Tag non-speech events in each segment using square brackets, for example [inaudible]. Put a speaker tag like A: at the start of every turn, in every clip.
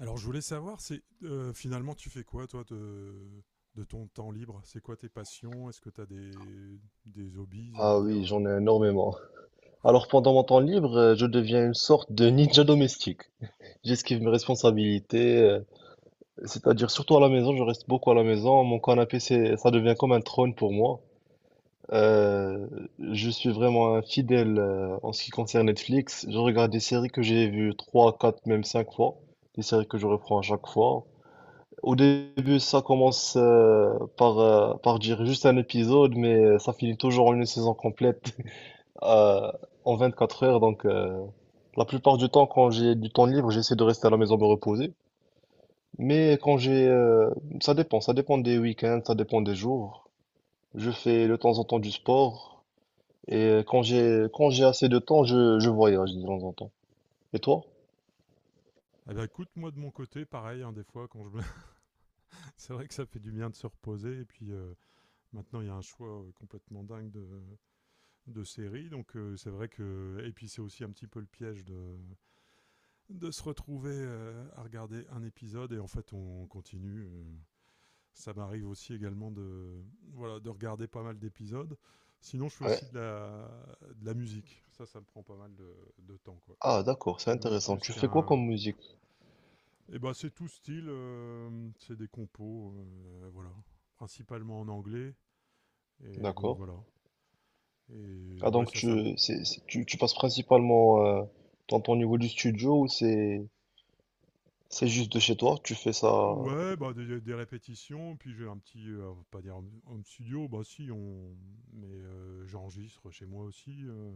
A: Alors, je voulais savoir, c'est finalement, tu fais quoi, toi, de ton temps libre. C'est quoi tes passions? Est-ce que tu as des hobbies, on va
B: Ah
A: dire
B: oui, j'en ai énormément. Alors pendant mon temps libre, je deviens une sorte de ninja domestique. J'esquive mes responsabilités, c'est-à-dire surtout à la maison, je reste beaucoup à la maison. Mon canapé, ça devient comme un trône pour moi. Euh, je suis vraiment un fidèle en ce qui concerne Netflix. Je regarde des séries que j'ai vues 3, 4, même 5 fois. Des séries que je reprends à chaque fois. Au début, ça commence par dire juste un épisode, mais ça finit toujours en une saison complète euh, en 24 heures. Donc, la plupart du temps, quand j'ai du temps libre, j'essaie de rester à la maison me reposer. Mais ça dépend des week-ends, ça dépend des jours. Je fais de temps en temps du sport et quand j'ai assez de temps, je voyage de temps en temps. Et toi?
A: Eh ben, écoute, moi, de mon côté, pareil, hein, des fois, quand je me... [laughs] c'est vrai que ça fait du bien de se reposer. Et puis, maintenant, il y a un choix complètement dingue de séries. Donc, c'est vrai que. Et puis, c'est aussi un petit peu le piège de se retrouver à regarder un épisode. Et en fait, on continue. Ça m'arrive aussi également de, voilà, de regarder pas mal d'épisodes. Sinon, je fais
B: Ouais.
A: aussi de la musique. Ça me prend pas mal de temps, quoi.
B: Ah, d'accord, c'est
A: C'est même
B: intéressant.
A: plus
B: Tu fais quoi
A: qu'un...
B: comme musique?
A: Eh ben, c'est tout style. C'est des compos, voilà. Principalement en anglais. Et donc,
B: D'accord.
A: voilà. Et
B: Ah,
A: ouais,
B: donc
A: ça me...
B: tu, c'est- tu passes principalement dans ton niveau du studio ou c'est juste de chez toi? Tu fais ça?
A: Ouais, bah des répétitions, puis j'ai un petit, on va pas dire un studio, bah si, on, mais j'enregistre chez moi aussi,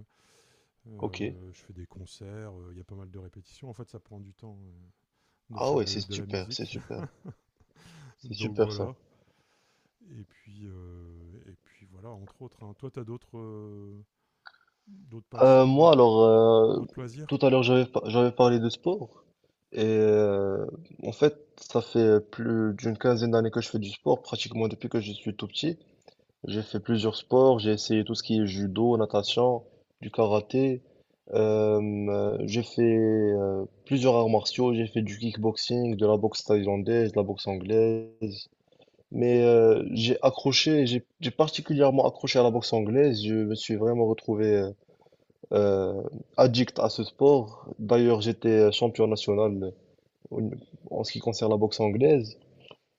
B: Ok.
A: Je fais des concerts, il y a pas mal de répétitions. En fait, ça prend du temps de
B: Ah
A: faire
B: ouais, c'est
A: de la
B: super, c'est
A: musique.
B: super,
A: [laughs]
B: c'est
A: Donc
B: super ça.
A: voilà. Et puis voilà, entre autres. Hein. Toi, t'as as d'autres d'autres passions,
B: Moi
A: d'autres
B: alors,
A: d'autres loisirs?
B: tout à l'heure j'avais parlé de sport et en fait ça fait plus d'une quinzaine d'années que je fais du sport, pratiquement depuis que je suis tout petit. J'ai fait plusieurs sports, j'ai essayé tout ce qui est judo, natation, du karaté. Euh, j'ai fait plusieurs arts martiaux, j'ai fait du kickboxing, de la boxe thaïlandaise, de la boxe anglaise. Mais j'ai accroché, j'ai particulièrement accroché à la boxe anglaise. Je me suis vraiment retrouvé euh, addict à ce sport. D'ailleurs, j'étais champion national au- en ce qui concerne la boxe anglaise.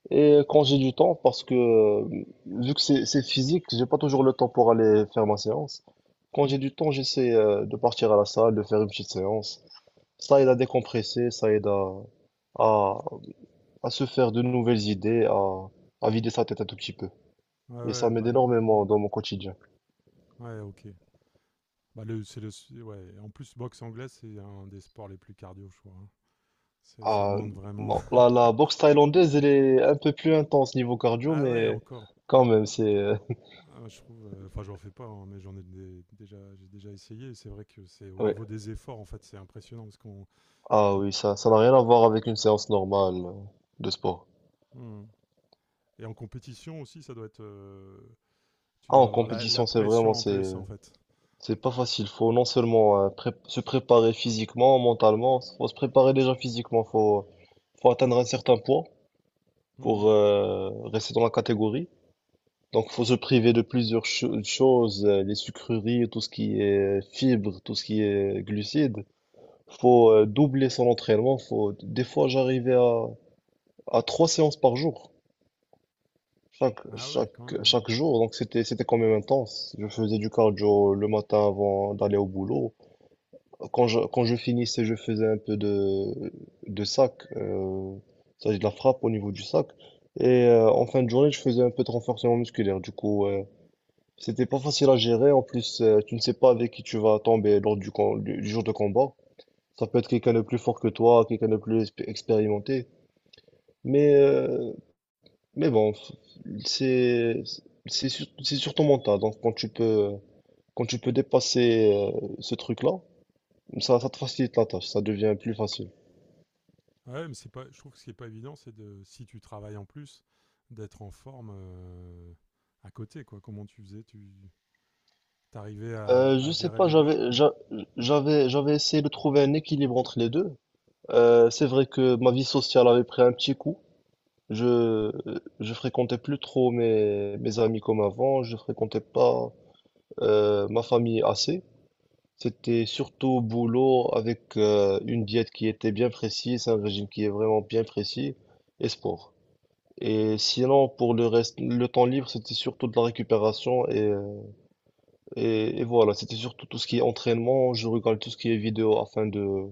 B: Et quand j'ai du temps, parce que vu que c'est physique, j'ai pas toujours le temps pour aller faire ma séance. Quand j'ai du temps, j'essaie de partir à la salle, de faire une petite séance. Ça aide à décompresser, ça aide à, à, à, se faire de nouvelles idées, à vider sa tête un tout petit peu.
A: Ouais,
B: Et ça
A: ouais,
B: m'aide
A: bah, le-
B: énormément
A: hmm.
B: dans mon quotidien.
A: Ouais, ok. Bah, le, c'est- ouais. En plus, boxe anglaise, c'est un des sports les plus cardio, je crois, hein. C'est- Ça
B: Ah,
A: demande vraiment.
B: bon, la boxe thaïlandaise, elle
A: [laughs]
B: est un peu plus intense niveau cardio,
A: Ah ouais,
B: mais
A: encore.
B: quand même, c'est...
A: Ah, bah, je trouve. Enfin, j'en fais pas, hein, mais déjà, j'ai déjà essayé. Et c'est vrai que c'est
B: [laughs]
A: au
B: ouais.
A: niveau des efforts, en fait, c'est impressionnant parce qu'on.
B: Ah oui, ça n'a rien à voir avec une séance normale de sport.
A: Hmm. Et en compétition aussi, ça doit être. Tu
B: Ah,
A: dois
B: en
A: avoir la, la
B: compétition, c'est vraiment,
A: pression en
B: c'est,
A: plus, en fait.
B: c'est pas facile. Faut non seulement se préparer physiquement, mentalement, faut se préparer déjà physiquement, faut atteindre un certain poids
A: Hmm.
B: pour rester dans la catégorie. Donc, faut se priver de plusieurs choses, les sucreries, tout ce qui est fibres, tout ce qui est glucides. Faut doubler son entraînement. Des fois, j'arrivais à trois séances par jour, chaque,
A: Ah ouais, quand
B: chaque,
A: même, ouais.
B: chaque jour. Donc, c'était quand même intense. Je faisais du cardio le matin avant d'aller au boulot. Quand je finissais, je faisais un peu de sac, de la frappe au niveau du sac. Et en fin de journée, je faisais un peu de renforcement musculaire. Du coup, c'était pas facile à gérer. En plus, tu ne sais pas avec qui tu vas tomber lors du jour de combat. Ça peut être quelqu'un de plus fort que toi, quelqu'un de plus expérimenté. Mais, euh, mais bon, c'est, c'est sur ton mental. Donc, quand tu peux dépasser ce truc-là, ça te facilite la tâche. Ça devient plus facile.
A: Ouais, mais c'est pas, je trouve que ce qui n'est pas évident, c'est de, si tu travailles en plus, d'être en forme à côté, quoi. Comment tu faisais? Tu t'arrivais à
B: Je sais
A: gérer
B: pas,
A: les deux.
B: j'avais essayé de trouver un équilibre entre les deux. C'est vrai que ma vie sociale avait pris un petit coup. Je, je fréquentais plus trop mes amis comme avant, je fréquentais pas ma famille assez. C'était surtout boulot avec une diète qui était bien précise, un régime qui est vraiment bien précis et sport. Et sinon, pour le reste, le temps libre, c'était surtout de la récupération et voilà, c'était surtout tout ce qui est entraînement. Je regarde tout ce qui est vidéo afin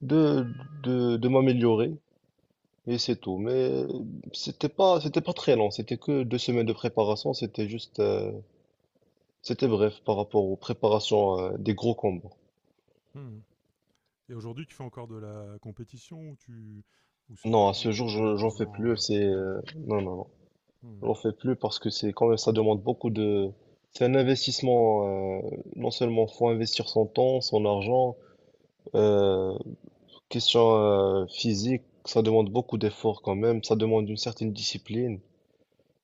B: de, de m'améliorer. Et c'est tout. Mais c'était pas très long. C'était que 2 semaines de préparation. C'était juste, c'était bref par rapport aux préparations des gros combats.
A: Hmm. Et aujourd'hui, tu fais encore de la compétition ou tu, ou c'est
B: Non, à
A: plutôt
B: ce
A: pour
B: jour,
A: de
B: j'en fais
A: l'amusement,
B: plus.
A: ouais.
B: C'est, euh,
A: Ouais.
B: non, non, non,
A: Hmm.
B: j'en fais plus parce que c'est quand même, ça demande beaucoup de. C'est un investissement. Non seulement faut investir son temps, son argent. euh, question physique, ça demande beaucoup d'efforts quand même. Ça demande une certaine discipline.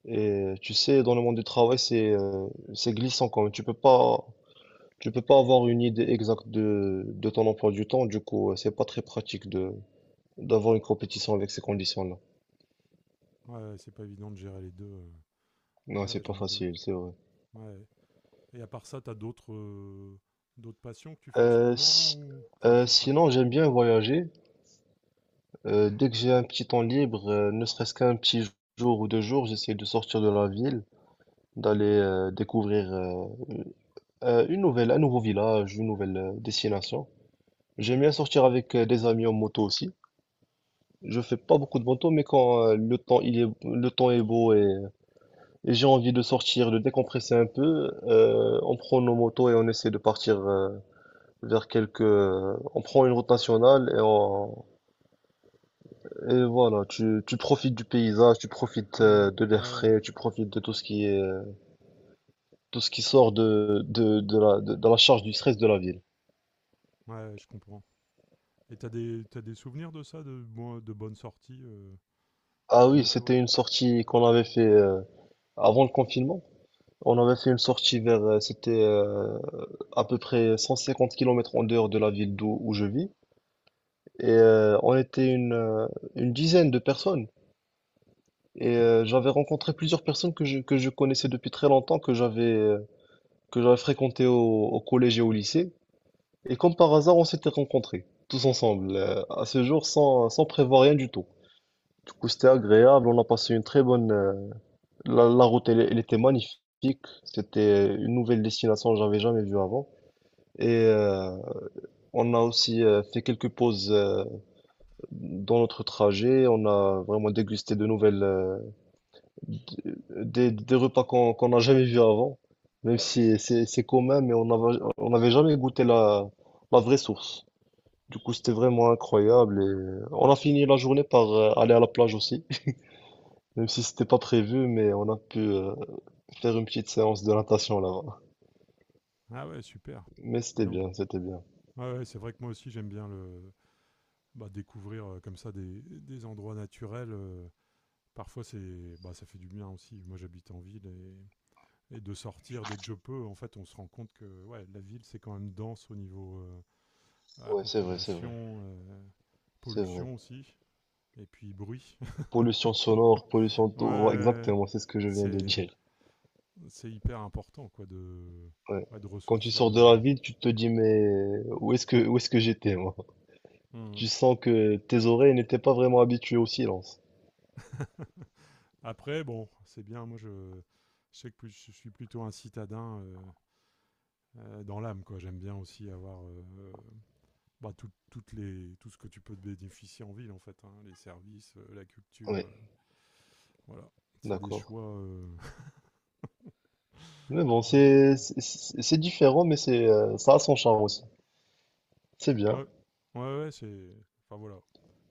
B: Et tu sais, dans le monde du travail, c'est glissant quand même. Tu peux pas avoir une idée exacte de ton emploi du temps, du coup, c'est pas très pratique de d'avoir une compétition avec ces conditions-là.
A: Ouais, c'est pas évident de gérer les deux.
B: Non, c'est
A: Ouais, je
B: pas
A: me doute.
B: facile, c'est vrai.
A: Ouais. Et à part ça, tu as d'autres d'autres passions que tu fais en ce
B: Euh,
A: moment
B: si-
A: ou enfin que tu pratiques?
B: Sinon, j'aime bien voyager. Dès que j'ai un petit temps libre, ne serait-ce qu'un petit jour ou 2 jours, j'essaie de sortir de la ville, d'aller découvrir un nouveau village, une nouvelle destination. J'aime bien sortir avec des amis en moto aussi. Je fais pas beaucoup de moto, mais quand le temps est beau et j'ai envie de sortir, de décompresser un peu. On prend nos motos et on essaie de partir vers quelques. On prend une route nationale et on. Et voilà, tu profites du paysage, tu profites
A: Mhm.
B: de l'air
A: Ouais,
B: frais, tu profites de tout ce qui est tout ce qui sort de la charge du stress de la ville.
A: ouais, je comprends. Et t'as des souvenirs de ça, de bon- de bonnes sorties
B: Ah
A: en
B: oui,
A: moto?
B: c'était une sortie qu'on avait fait avant le confinement. On avait fait une sortie vers. C'était à peu près 150 km en dehors de la ville d'où où je vis. Et on était une dizaine de personnes. Et j'avais rencontré plusieurs personnes que je connaissais depuis très longtemps, que j'avais fréquenté au collège et au lycée. Et comme par hasard, on s'était rencontrés, tous ensemble, à ce jour, sans prévoir rien du tout. Du coup, c'était agréable, on a passé une très bonne... La route, elle était magnifique. C'était une nouvelle destination que j'avais jamais vue avant. Et on a aussi fait quelques pauses dans notre trajet, on a vraiment dégusté de nouvelles, d- des repas qu'on n'a jamais vus avant, même si c'est commun, mais on n'avait jamais goûté la vraie source. Du coup, c'était vraiment incroyable et on a fini la journée par aller à la plage aussi, [laughs] même si c'était pas prévu, mais on a pu faire une petite séance de natation là-bas.
A: Ah ouais, super.
B: Mais
A: Dis
B: c'était
A: donc.
B: bien, c'était bien.
A: Ouais, ouais, c'est vrai que moi aussi j'aime bien le bah, découvrir comme ça des endroits naturels. Parfois c'est bah, ça fait du bien aussi. Moi j'habite en ville et de sortir dès que je peux, en fait on se rend compte que ouais, la ville c'est quand même dense au niveau Ah,
B: Ouais, c'est vrai, c'est vrai,
A: population,
B: c'est vrai.
A: pollution aussi, et puis bruit.
B: Pollution sonore, pollution,
A: [laughs] Ouais,
B: d'eau, ouais,
A: ouais.
B: exactement, c'est ce que je viens de
A: c'est,
B: dire.
A: c'est hyper important quoi de,
B: Ouais.
A: ouais, de
B: Quand tu
A: ressourcer.
B: sors de la ville, tu te dis mais où est-ce que j'étais moi?
A: Hmm.
B: Tu sens que tes oreilles n'étaient pas vraiment habituées au silence.
A: Après, bon, c'est bien. Moi, je, je suis plutôt un citadin dans l'âme, quoi. J'aime bien aussi avoir bah, tout, toutes les, tout ce que tu peux te bénéficier en ville, en fait, hein. Les services, la culture.
B: Oui,
A: Le- Voilà. C'est des
B: d'accord.
A: choix.
B: Mais bon,
A: [laughs] Voilà.
B: c'est différent, mais c'est ça a son charme aussi. C'est bien,
A: Ouais, ouais, ouais, c'est. Enfin voilà.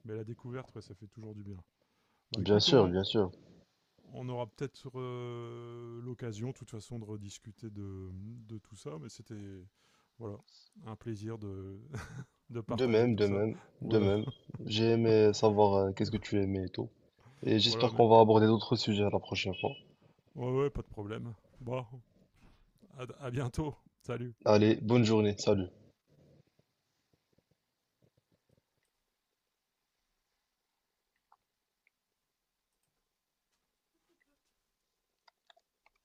A: Mais la découverte, ouais, ça fait toujours du bien. Bah
B: bien
A: écoute,
B: sûr, bien sûr.
A: on aura peut-être l'occasion, de toute façon, de rediscuter de tout ça. Mais c'était. Voilà. Un plaisir de, [laughs] de
B: De
A: partager
B: même,
A: tout
B: de
A: ça.
B: même, de
A: Voilà.
B: même. J'ai aimé savoir qu'est-ce que tu aimais et tout. Et
A: Voilà,
B: j'espère
A: mais.
B: qu'on va aborder d'autres sujets la prochaine fois.
A: Ouais, ouais, pas de problème. Bon, à bientôt. Salut.
B: Allez, bonne journée, salut.